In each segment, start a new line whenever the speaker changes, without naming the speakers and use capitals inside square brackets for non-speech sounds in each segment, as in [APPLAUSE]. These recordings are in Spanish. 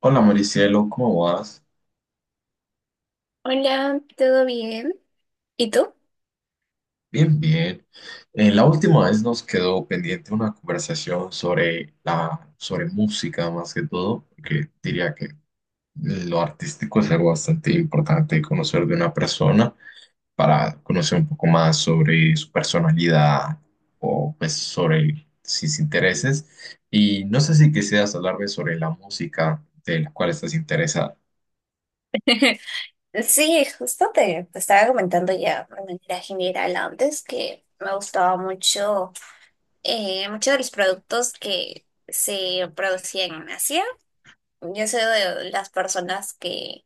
Hola Maricielo, ¿cómo vas?
Hola, ¿todo bien? ¿Y tú?
Bien, bien. La última vez nos quedó pendiente una conversación sobre sobre música más que todo, que diría que lo artístico es algo bastante importante conocer de una persona para conocer un poco más sobre su personalidad o pues sobre sus intereses. Y no sé si quisieras hablarme sobre la música de la cual estás interesada.
[LAUGHS] Sí, justo te estaba comentando ya de manera general antes que me gustaba mucho, muchos de los productos que se producían en Asia. Yo soy de las personas que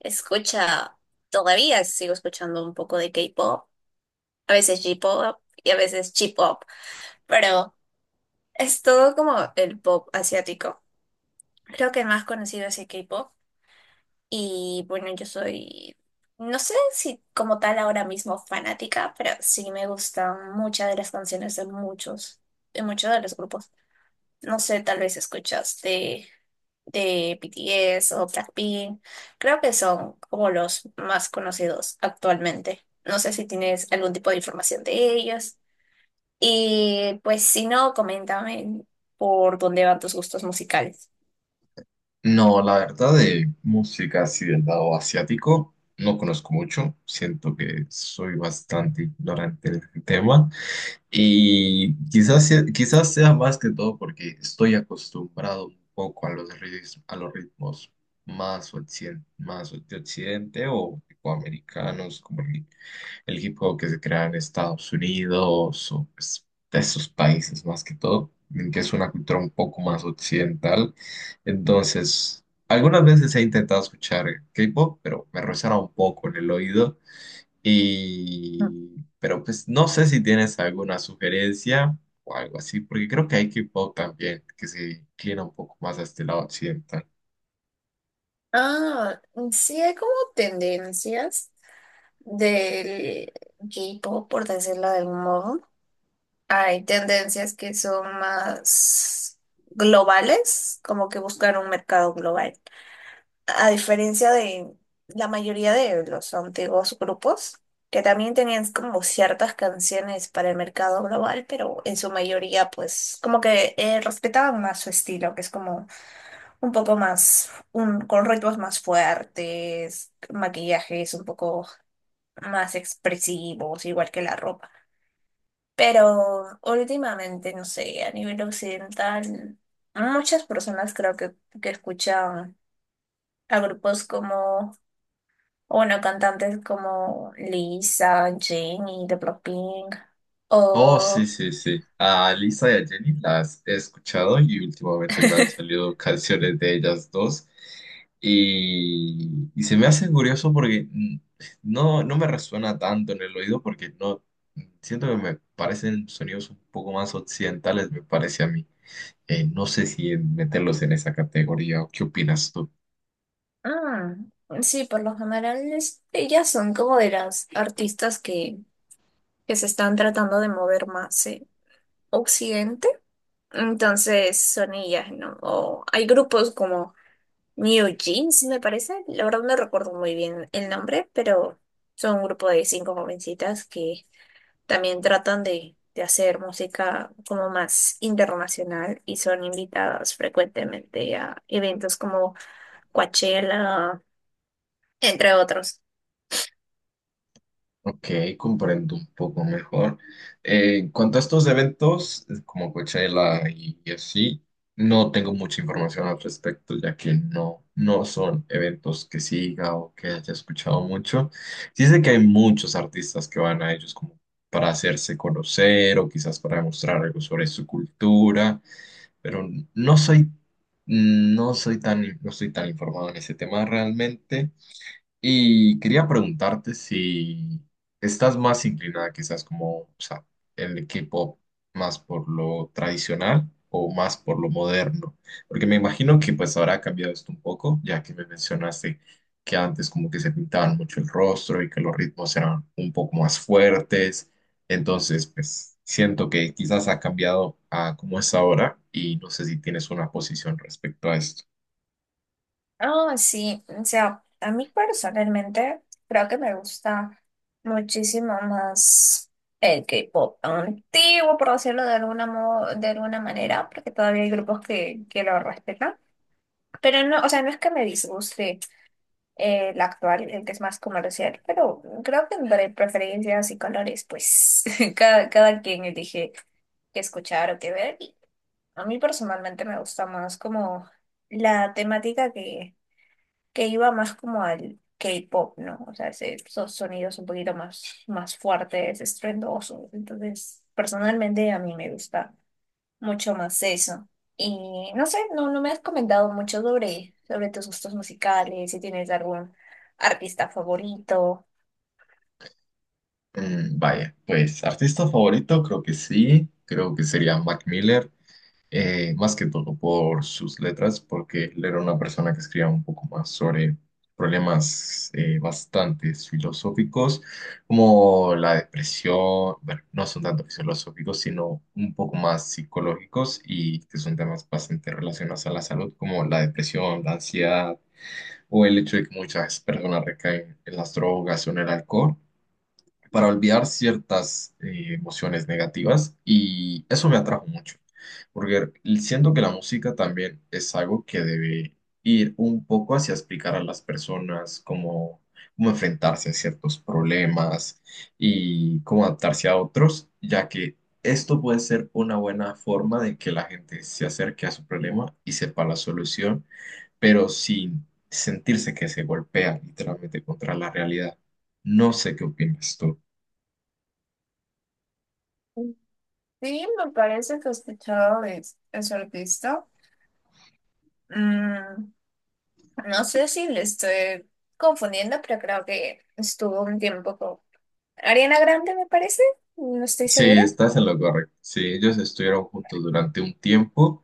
escucha, todavía sigo escuchando un poco de K-pop, a veces J-pop y a veces J-pop, pero es todo como el pop asiático. Creo que el más conocido es el K-pop. Y bueno, yo soy, no sé si como tal ahora mismo fanática, pero sí me gustan muchas de las canciones de muchos de los grupos. No sé, tal vez escuchaste de BTS o Blackpink. Creo que son como los más conocidos actualmente. No sé si tienes algún tipo de información de ellos. Y pues si no, coméntame por dónde van tus gustos musicales.
No, la verdad de música así del lado asiático no conozco mucho, siento que soy bastante ignorante del tema y quizás sea más que todo porque estoy acostumbrado un poco a los ritmos más, más de occidente o americanos, el hip hop que se crea en Estados Unidos o pues, de esos países más que todo, en que es una cultura un poco más occidental. Entonces, algunas veces he intentado escuchar K-pop, pero me resuena un poco en el oído.
Mm.
Y, pero pues no sé si tienes alguna sugerencia o algo así, porque creo que hay K-pop también que se inclina un poco más a este lado occidental.
Ah, sí hay como tendencias del K-pop, por decirlo de algún modo. Hay tendencias que son más globales, como que buscar un mercado global. A diferencia de la mayoría de los antiguos grupos, que también tenían como ciertas canciones para el mercado global, pero en su mayoría, pues, como que respetaban más su estilo, que es como un poco más, un, con ritmos más fuertes, maquillajes un poco más expresivos, igual que la ropa. Pero últimamente, no sé, a nivel occidental, muchas personas creo que escuchan a grupos como, o bueno, cantantes como Lisa, Jenny, de Blackpink,
Oh, sí,
o...
sí, sí. A Lisa y a Jenny las he escuchado y últimamente me han
[LAUGHS]
salido canciones de ellas dos. Y se me hace curioso porque no, no me resuena tanto en el oído porque no siento que me parecen sonidos un poco más occidentales, me parece a mí. No sé si meterlos en esa categoría o qué opinas tú.
Mm, sí, por lo general, ellas son como de las artistas que se están tratando de mover más, Occidente, entonces son ellas, ¿no? O hay grupos como New Jeans, me parece. La verdad no recuerdo muy bien el nombre, pero son un grupo de 5 jovencitas que también tratan de hacer música como más internacional y son invitadas frecuentemente a eventos como Coachella, entre otros.
Ok, comprendo un poco mejor. En cuanto a estos eventos, como Coachella y así, no tengo mucha información al respecto, ya que no son eventos que siga o que haya escuchado mucho. Sí sé que hay muchos artistas que van a ellos como para hacerse conocer o quizás para demostrar algo sobre su cultura, pero no soy, no soy tan, no estoy tan informado en ese tema realmente. Y quería preguntarte si estás más inclinada quizás como, o sea, el equipo más por lo tradicional o más por lo moderno, porque me imagino que pues habrá cambiado esto un poco, ya que me mencionaste que antes como que se pintaban mucho el rostro y que los ritmos eran un poco más fuertes, entonces pues siento que quizás ha cambiado a cómo es ahora y no sé si tienes una posición respecto a esto.
Ah, sí, o sea, a mí personalmente creo que me gusta muchísimo más el K-pop antiguo, por decirlo de alguna manera, porque todavía hay grupos que lo respetan. Pero no, o sea, no es que me disguste el actual, el que es más comercial, pero creo que entre preferencias y colores, pues [LAUGHS] cada quien elige que escuchar o que ver. Y a mí personalmente me gusta más como la temática que iba más como al K-pop, ¿no? O sea, esos sonidos un poquito más, más fuertes, estruendosos. Entonces, personalmente a mí me gusta mucho más eso. Y no sé, no, no me has comentado mucho sobre tus gustos musicales, si tienes algún artista favorito.
Mm, vaya, pues artista favorito, creo que sí, creo que sería Mac Miller, más que todo por sus letras, porque él era una persona que escribía un poco más sobre problemas bastante filosóficos, como la depresión, bueno, no son tanto filosóficos, sino un poco más psicológicos y que son temas bastante relacionados a la salud, como la depresión, la ansiedad o el hecho de que muchas personas recaen en las drogas o en el alcohol para olvidar ciertas emociones negativas, y eso me atrajo mucho, porque siento que la música también es algo que debe ir un poco hacia explicar a las personas cómo enfrentarse a ciertos problemas y cómo adaptarse a otros, ya que esto puede ser una buena forma de que la gente se acerque a su problema y sepa la solución, pero sin sentirse que se golpea literalmente contra la realidad. No sé qué opinas tú.
Sí, me parece que he escuchado de ese artista. Mm, no sé si le estoy confundiendo, pero creo que estuvo un tiempo Ariana Grande, me parece, no estoy
Sí,
segura.
estás en lo correcto. Sí, ellos estuvieron juntos durante un tiempo,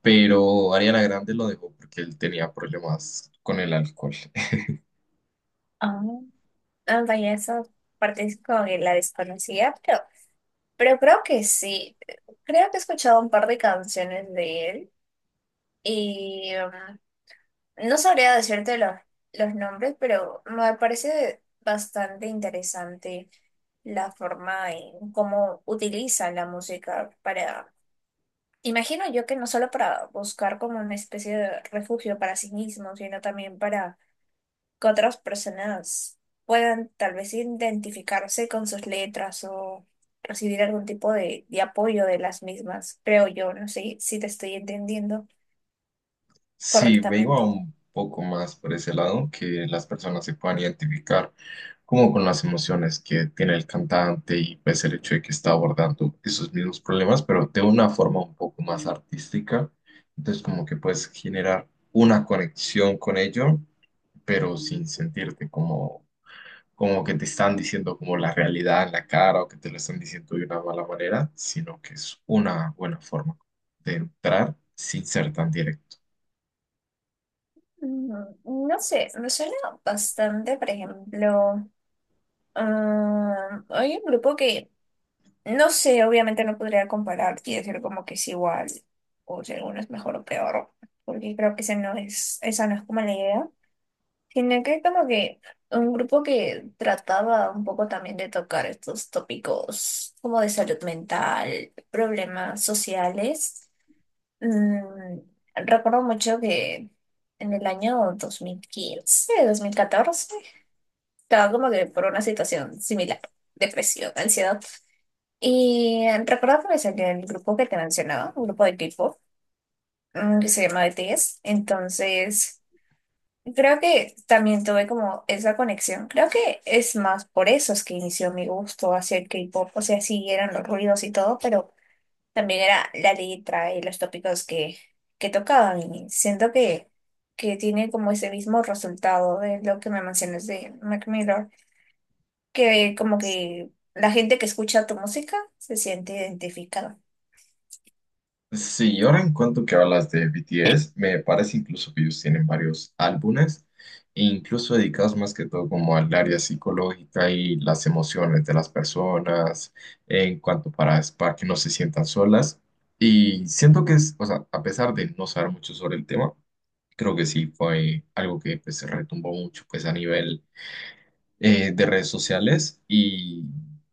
pero Ariana Grande lo dejó porque él tenía problemas con el alcohol. [LAUGHS]
Ah, Ah, vaya, esa parte es como que la desconocía, pero creo que sí. Creo que he escuchado un par de canciones de él y no sabría decirte los nombres, pero me parece bastante interesante la forma en cómo utiliza la música para, imagino yo que no solo para buscar como una especie de refugio para sí mismo, sino también para que otras personas puedan tal vez identificarse con sus letras o recibir algún tipo de apoyo de las mismas, creo yo, no sé si te estoy entendiendo
Sí, me iba
correctamente.
un poco más por ese lado, que las personas se puedan identificar como con las emociones que tiene el cantante y pues el hecho de que está abordando esos mismos problemas, pero de una forma un poco más artística. Entonces como que puedes generar una conexión con ello, pero sin sentirte como como que te están diciendo como la realidad en la cara o que te lo están diciendo de una mala manera, sino que es una buena forma de entrar sin ser tan directo.
Mm, no sé, me suena bastante, por ejemplo, ah, hay un grupo que, no sé, obviamente no podría comparar y decir como que es igual o si alguno es mejor o peor, porque creo que ese no es, esa no es como la idea. Sino que como que un grupo que trataba un poco también de tocar estos tópicos como de salud mental, problemas sociales. Mm, recuerdo mucho que en el año 2015 2014 estaba como que por una situación similar, depresión, ansiedad. Y recuerdo que me salió el grupo que te mencionaba, un grupo de que se llama BTS. Entonces... Creo que también tuve como esa conexión. Creo que es más por eso es que inició mi gusto hacia el K-pop. O sea, sí eran los ruidos y todo, pero también era la letra y los tópicos que tocaban. Y siento que tiene como ese mismo resultado de lo que me mencionas de Mac Miller, que como que la gente que escucha tu música se siente identificada.
Sí, ahora en cuanto que hablas de BTS, me parece incluso que ellos tienen varios álbumes, e incluso dedicados más que todo como al área psicológica y las emociones de las personas, en cuanto para que no se sientan solas. Y siento que es, o sea, a pesar de no saber mucho sobre el tema, creo que sí fue algo que pues, se retumbó mucho pues, a nivel de redes sociales, y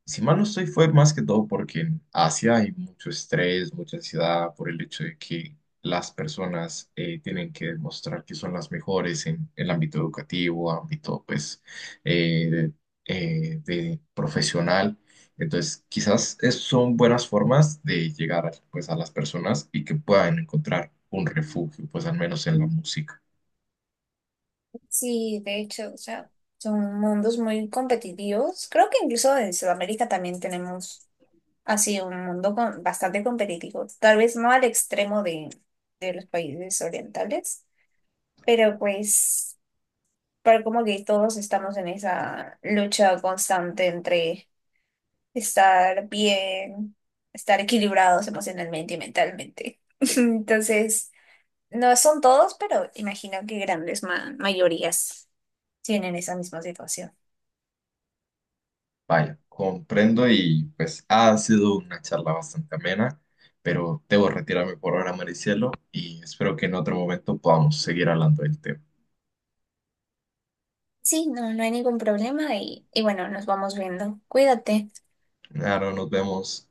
si mal no estoy fue más que todo porque en Asia hay mucho estrés, mucha ansiedad por el hecho de que las personas tienen que demostrar que son las mejores en el ámbito educativo, ámbito pues eh, de profesional. Entonces, son buenas formas de llegar pues, a las personas y que puedan encontrar un refugio, pues al menos en la música.
Sí, de hecho, o sea, son mundos muy competitivos. Creo que incluso en Sudamérica también tenemos así, un mundo bastante competitivo. Tal vez no al extremo de los países orientales, pero pues para como que todos estamos en esa lucha constante entre estar bien, estar equilibrados emocionalmente y mentalmente. [LAUGHS] Entonces, no son todos, pero imagino que grandes mayorías tienen esa misma situación.
Vaya, comprendo y pues ha sido una charla bastante amena, pero debo retirarme por ahora, Maricielo, y espero que en otro momento podamos seguir hablando del tema.
Sí, no, no hay ningún problema y bueno, nos vamos viendo. Cuídate.
Ahora nos vemos.